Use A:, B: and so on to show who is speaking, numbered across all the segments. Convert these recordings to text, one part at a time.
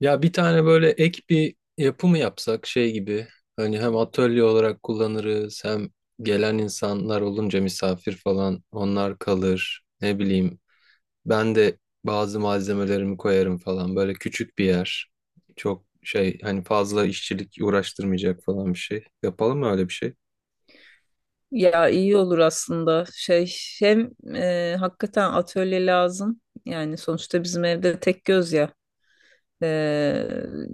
A: Ya bir tane böyle ek bir yapı mı yapsak, şey gibi hani hem atölye olarak kullanırız, hem gelen insanlar olunca misafir falan onlar kalır, ne bileyim ben de bazı malzemelerimi koyarım falan. Böyle küçük bir yer, çok şey hani, fazla işçilik uğraştırmayacak falan bir şey yapalım mı, öyle bir şey?
B: Ya iyi olur aslında. Hem Hakikaten atölye lazım. Yani sonuçta bizim evde tek göz ya. E,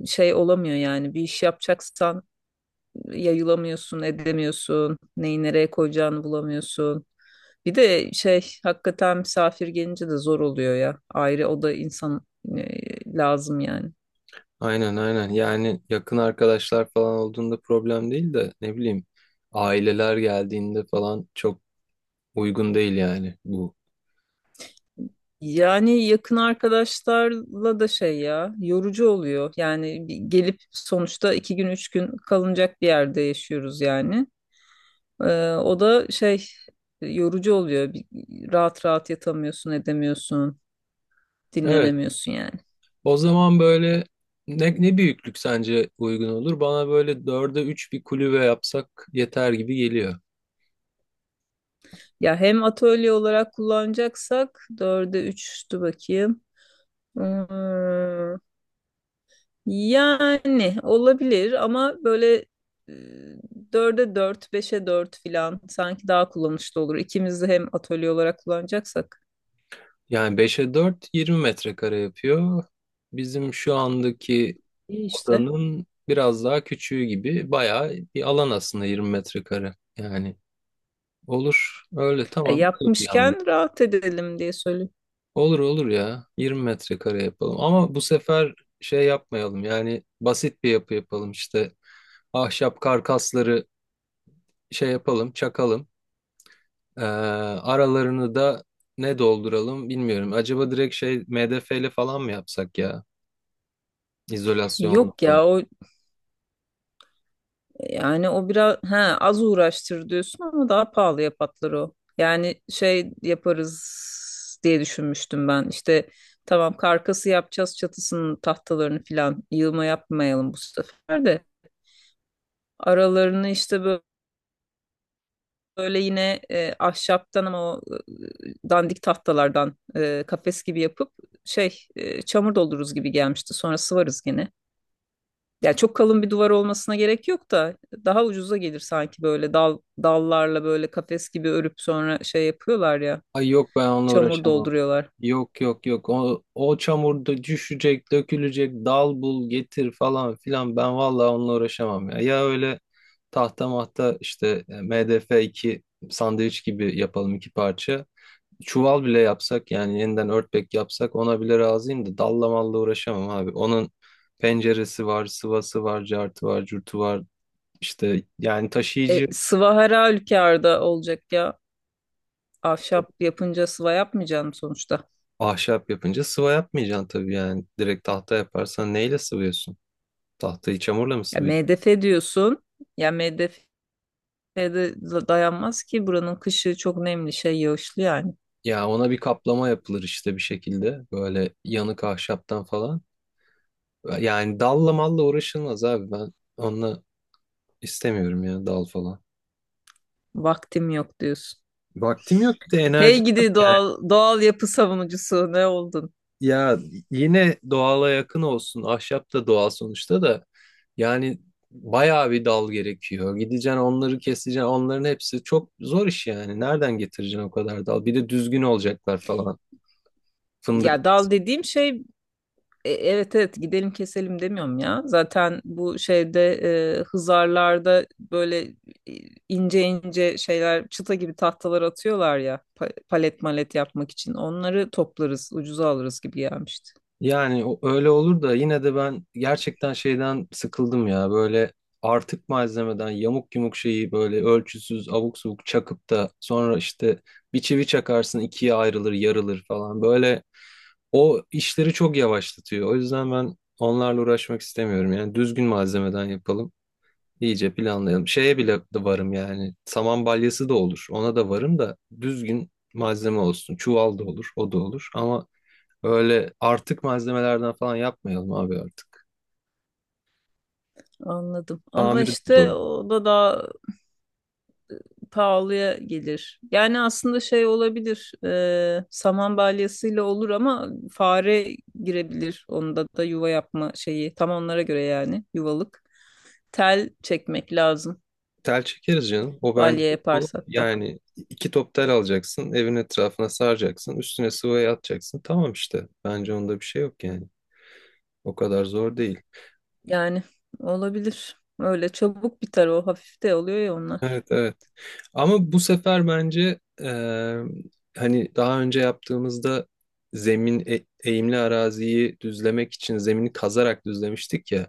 B: şey olamıyor yani. Bir iş yapacaksan yayılamıyorsun, edemiyorsun. Neyi nereye koyacağını bulamıyorsun. Bir de hakikaten misafir gelince de zor oluyor ya. Ayrı o da insan lazım yani.
A: Aynen aynen, yani yakın arkadaşlar falan olduğunda problem değil de, ne bileyim aileler geldiğinde falan çok uygun değil yani bu.
B: Yani yakın arkadaşlarla da ya yorucu oluyor. Yani bir gelip sonuçta iki gün üç gün kalınacak bir yerde yaşıyoruz yani. O da yorucu oluyor. Rahat rahat yatamıyorsun, edemiyorsun,
A: Evet.
B: dinlenemiyorsun yani.
A: O zaman böyle ne büyüklük sence uygun olur? Bana böyle 4'e 3 bir kulübe yapsak yeter gibi geliyor.
B: Ya hem atölye olarak kullanacaksak dörde üçtü bakayım. Ee, Yani olabilir ama böyle e, dörde dört, beşe dört filan sanki daha kullanışlı olur. İkimiz de hem atölye olarak kullanacaksak
A: Yani beş'e dört, 20 metrekare yapıyor. Bizim şu andaki
B: iyi işte.
A: odanın biraz daha küçüğü gibi bayağı bir alan aslında 20 metrekare. Yani olur öyle,
B: E,
A: tamam böyle.
B: yapmışken rahat edelim diye söylüyorum.
A: Olur olur ya. 20 metrekare yapalım. Ama bu sefer şey yapmayalım. Yani basit bir yapı yapalım. İşte ahşap karkasları şey yapalım, çakalım. Aralarını da ne dolduralım bilmiyorum. Acaba direkt şey MDF ile falan mı yapsak ya? İzolasyonlu.
B: Yok ya o, yani o biraz, ha, az uğraştır diyorsun ama daha pahalıya patlar o. Yani şey yaparız diye düşünmüştüm ben. İşte tamam, karkası yapacağız, çatısının tahtalarını filan yığma yapmayalım bu sefer de. Aralarını işte böyle yine ahşaptan ama o dandik tahtalardan kafes gibi yapıp şey çamur doldururuz gibi gelmişti. Sonra sıvarız gene. Yani çok kalın bir duvar olmasına gerek yok da daha ucuza gelir sanki böyle dal dallarla böyle kafes gibi örüp sonra şey yapıyorlar ya,
A: Ay yok, ben onunla
B: çamur
A: uğraşamam.
B: dolduruyorlar.
A: Yok yok yok. O çamurda düşecek, dökülecek, dal bul, getir falan filan. Ben vallahi onunla uğraşamam ya. Ya öyle tahta mahta işte MDF 2 sandviç gibi yapalım, iki parça. Çuval bile yapsak, yani yeniden örtbek yapsak ona bile razıyım da dalla malla uğraşamam abi. Onun penceresi var, sıvası var, cartı var, curtu var. İşte yani
B: E,
A: taşıyıcı.
B: sıva her halükarda olacak ya. Ahşap yapınca sıva yapmayacağım sonuçta.
A: Ahşap yapınca sıva yapmayacaksın tabii yani. Direkt tahta yaparsan neyle sıvıyorsun? Tahtayı çamurla mı
B: Ya
A: sıvayacaksın?
B: MDF diyorsun. Ya MDF ve dayanmaz ki, buranın kışı çok nemli, şey yağışlı yani.
A: Ya ona bir kaplama yapılır işte bir şekilde. Böyle yanık ahşaptan falan. Yani dalla malla uğraşılmaz abi, ben onunla istemiyorum ya, dal falan.
B: Vaktim yok diyorsun.
A: Vaktim yok, bir de
B: Hey
A: enerji yok
B: gidi
A: yani.
B: doğal doğal yapı savunucusu, ne oldun?
A: Ya yine doğala yakın olsun. Ahşap da doğal sonuçta da. Yani bayağı bir dal gerekiyor. Gideceksin onları keseceksin. Onların hepsi çok zor iş yani. Nereden getireceksin o kadar dal? Bir de düzgün olacaklar falan. Fındık.
B: Ya dal dediğim şey, evet evet, gidelim keselim demiyorum ya. Zaten bu şeyde hızarlarda böyle e, ince ince şeyler, çıta gibi tahtalar atıyorlar ya palet malet yapmak için. Onları toplarız, ucuza alırız gibi gelmişti.
A: Yani öyle olur da, yine de ben gerçekten şeyden sıkıldım ya. Böyle artık malzemeden yamuk yumuk şeyi böyle ölçüsüz abuk subuk çakıp da sonra işte bir çivi çakarsın ikiye ayrılır, yarılır falan. Böyle. O işleri çok yavaşlatıyor. O yüzden ben onlarla uğraşmak istemiyorum. Yani düzgün malzemeden yapalım. İyice planlayalım. Şeye bile de varım yani. Saman balyası da olur. Ona da varım, da düzgün malzeme olsun. Çuval da olur. O da olur. Ama öyle artık malzemelerden falan yapmayalım abi artık.
B: Anladım. Ama
A: Tamiri de
B: işte
A: zor.
B: o da daha pahalıya gelir. Yani aslında şey olabilir. E, saman balyasıyla olur ama fare girebilir. Onda da yuva yapma şeyi. Tam onlara göre yani, yuvalık. Tel çekmek lazım.
A: Tel çekeriz canım. O
B: Balya
A: bence olur.
B: yaparsak da.
A: Yani iki top tel alacaksın. Evin etrafına saracaksın. Üstüne sıvayı atacaksın. Tamam işte. Bence onda bir şey yok yani. O kadar zor değil.
B: Yani olabilir. Öyle çabuk biter o. Hafif de oluyor ya onlar.
A: Evet evet. Ama bu sefer bence hani daha önce yaptığımızda zemin eğimli araziyi düzlemek için zemini kazarak düzlemiştik ya.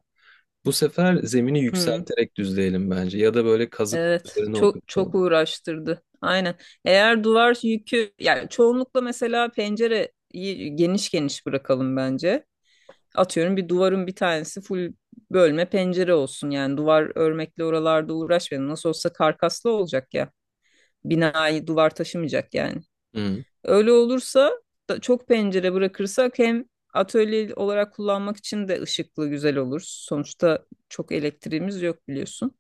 A: Bu sefer zemini
B: Hmm,
A: yükselterek düzleyelim bence, ya da böyle kazık
B: evet.
A: üzerine
B: Çok çok
A: oturtalım.
B: uğraştırdı. Aynen. Eğer duvar yükü, yani çoğunlukla mesela pencereyi geniş geniş bırakalım bence. Atıyorum bir duvarın bir tanesi full bölme pencere olsun. Yani duvar örmekle oralarda uğraşmayalım. Nasıl olsa karkaslı olacak ya. Binayı duvar taşımayacak yani.
A: Hı.
B: Öyle olursa da çok pencere bırakırsak hem atölye olarak kullanmak için de ışıklı güzel olur. Sonuçta çok elektriğimiz yok biliyorsun.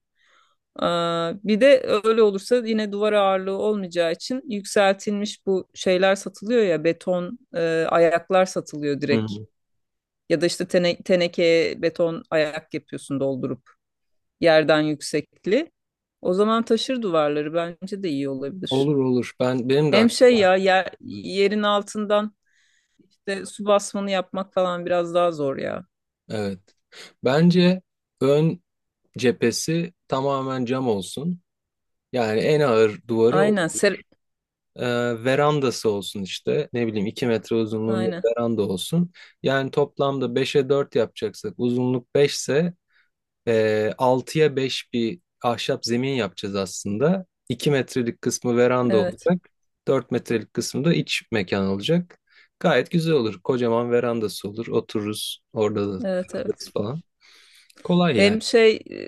B: Aa, bir de öyle olursa yine duvar ağırlığı olmayacağı için yükseltilmiş bu şeyler satılıyor ya, beton ayaklar satılıyor
A: Hı.
B: direkt.
A: Hı.
B: Ya da işte tenekeye beton ayak yapıyorsun doldurup yerden yüksekli. O zaman taşır duvarları, bence de iyi
A: Olur
B: olabilir.
A: olur. Ben benim de
B: Hem şey
A: aklımda.
B: ya yerin altından de su basmanı yapmak falan biraz daha zor ya.
A: Evet. Bence ön cephesi tamamen cam olsun. Yani en ağır duvarı
B: Aynen. Ser
A: e, verandası olsun işte. Ne bileyim, 2 metre uzunluğunda
B: aynen.
A: bir veranda olsun. Yani toplamda beşe 4 yapacaksak, uzunluk 5 ise 6'ya 5 bir ahşap zemin yapacağız aslında. 2 metrelik kısmı veranda
B: Evet.
A: olacak. 4 metrelik kısmı da iç mekan olacak. Gayet güzel olur. Kocaman verandası olur. Otururuz orada da,
B: Evet evet.
A: takılırız falan. Kolay yani.
B: Hem şey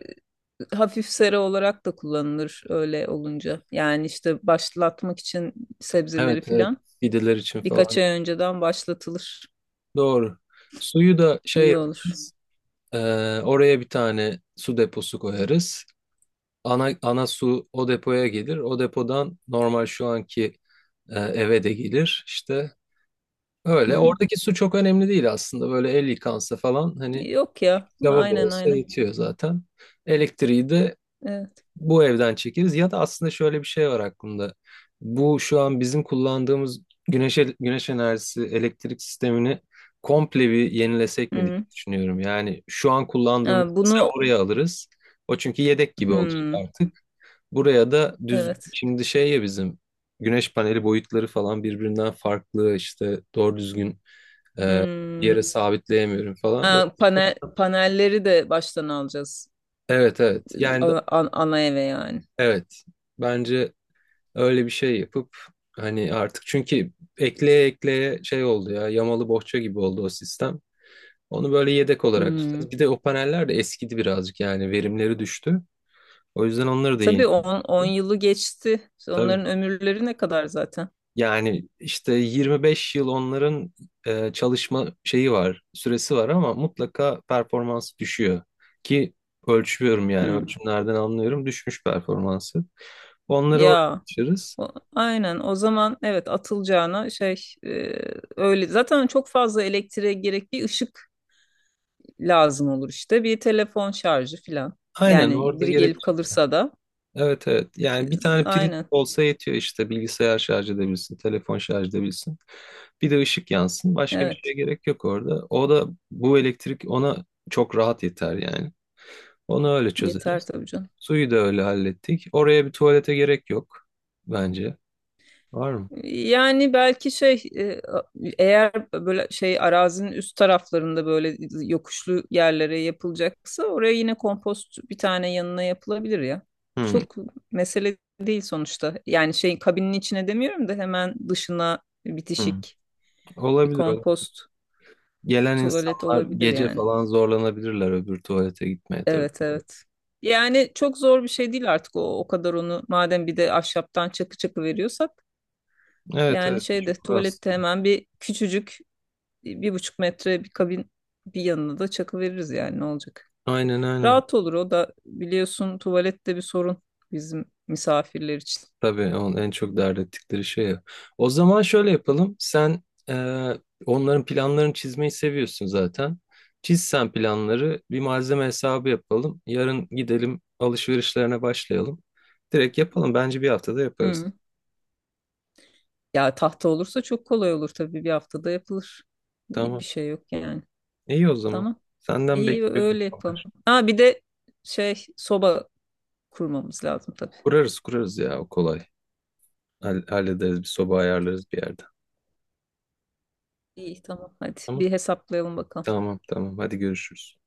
B: hafif sera olarak da kullanılır öyle olunca. Yani işte başlatmak için sebzeleri
A: Evet, evet.
B: filan
A: Fideler için
B: birkaç
A: falan.
B: ay önceden başlatılır.
A: Doğru. Suyu da şey
B: İyi olur.
A: yaparız. Oraya bir tane su deposu koyarız. Ana su o depoya gelir. O depodan normal, şu anki eve de gelir. İşte öyle.
B: Hı.
A: Oradaki su çok önemli değil aslında. Böyle el yıkansa falan hani,
B: Yok ya.
A: lavabo
B: Aynen
A: olsa
B: aynen.
A: yetiyor zaten. Elektriği de
B: Evet.
A: bu evden çekeriz, ya da aslında şöyle bir şey var aklımda. Bu şu an bizim kullandığımız güneş enerjisi elektrik sistemini komple bir yenilesek mi diye
B: Hı.
A: düşünüyorum. Yani şu an
B: Ha,
A: kullandığımız,
B: bunu,
A: mesela oraya alırız. O çünkü yedek gibi olacak
B: hı.
A: artık. Buraya da düzgün
B: Evet.
A: şimdi şey ya, bizim güneş paneli boyutları falan birbirinden farklı, işte doğru düzgün e,
B: Hmm.
A: yere sabitleyemiyorum falan.
B: Ha, panelleri de baştan alacağız.
A: Evet evet, yani
B: Ana eve yani.
A: evet bence. Öyle bir şey yapıp, hani artık, çünkü ekleye ekleye şey oldu ya, yamalı bohça gibi oldu o sistem. Onu böyle yedek olarak
B: Hmm.
A: tutacağız. Bir de o paneller de eskidi birazcık, yani verimleri düştü. O yüzden onları da
B: Tabii
A: yenilemek
B: on on
A: olur.
B: yılı geçti.
A: Tabii.
B: Onların ömürleri ne kadar zaten?
A: Yani işte 25 yıl onların çalışma şeyi var, süresi var, ama mutlaka performans düşüyor. Ki ölçüyorum, yani
B: Hı.
A: ölçümlerden anlıyorum düşmüş performansı. Onları oraya
B: Ya,
A: taşırız.
B: aynen o zaman, evet, atılacağına şey e, öyle zaten çok fazla elektriğe gerek, bir ışık lazım olur işte, bir telefon şarjı filan.
A: Aynen,
B: Yani
A: orada
B: biri
A: gerek.
B: gelip kalırsa da
A: Evet evet.
B: e,
A: Yani bir tane priz
B: aynen,
A: olsa yetiyor işte, bilgisayar şarj edebilsin, telefon şarj edebilsin. Bir de ışık yansın. Başka bir
B: evet,
A: şeye gerek yok orada. O da bu elektrik ona çok rahat yeter yani. Onu öyle
B: yeter
A: çözeriz.
B: tabii canım.
A: Suyu da öyle hallettik. Oraya bir tuvalete gerek yok bence. Var mı?
B: Yani belki şey eğer böyle şey arazinin üst taraflarında böyle yokuşlu yerlere yapılacaksa oraya yine kompost bir tane yanına yapılabilir ya.
A: Hı,
B: Çok mesele değil sonuçta. Yani şey kabinin içine demiyorum da hemen dışına
A: hı.
B: bitişik bir
A: Olabilir o.
B: kompost
A: Gelen
B: tuvalet
A: insanlar
B: olabilir
A: gece
B: yani.
A: falan zorlanabilirler öbür tuvalete gitmeye, tabii.
B: Evet evet. Yani çok zor bir şey değil artık o kadar onu madem bir de ahşaptan çakı çakı veriyorsak,
A: Evet
B: yani
A: evet.
B: şeyde
A: Şükür
B: tuvalette
A: aslında.
B: hemen bir küçücük 1,5 metre bir kabin, bir yanına da çakı veririz yani, ne olacak.
A: Aynen aynen.
B: Rahat olur o da biliyorsun, tuvalette bir sorun bizim misafirler için.
A: Tabii en çok dert ettikleri şey ya. O zaman şöyle yapalım. Sen e, onların planlarını çizmeyi seviyorsun zaten. Çiz sen planları, bir malzeme hesabı yapalım. Yarın gidelim, alışverişlerine başlayalım. Direkt yapalım. Bence bir haftada yaparız.
B: Hı. Ya tahta olursa çok kolay olur tabii, bir haftada yapılır. Bir
A: Tamam.
B: şey yok yani.
A: İyi o zaman.
B: Tamam.
A: Senden
B: İyi,
A: bekliyorum.
B: öyle yapalım. Ha bir de şey soba kurmamız lazım tabii.
A: Kurarız kurarız ya, o kolay. Hallederiz, bir soba ayarlarız bir yerde.
B: İyi tamam, hadi
A: Tamam.
B: bir hesaplayalım bakalım.
A: Tamam tamam. Hadi görüşürüz.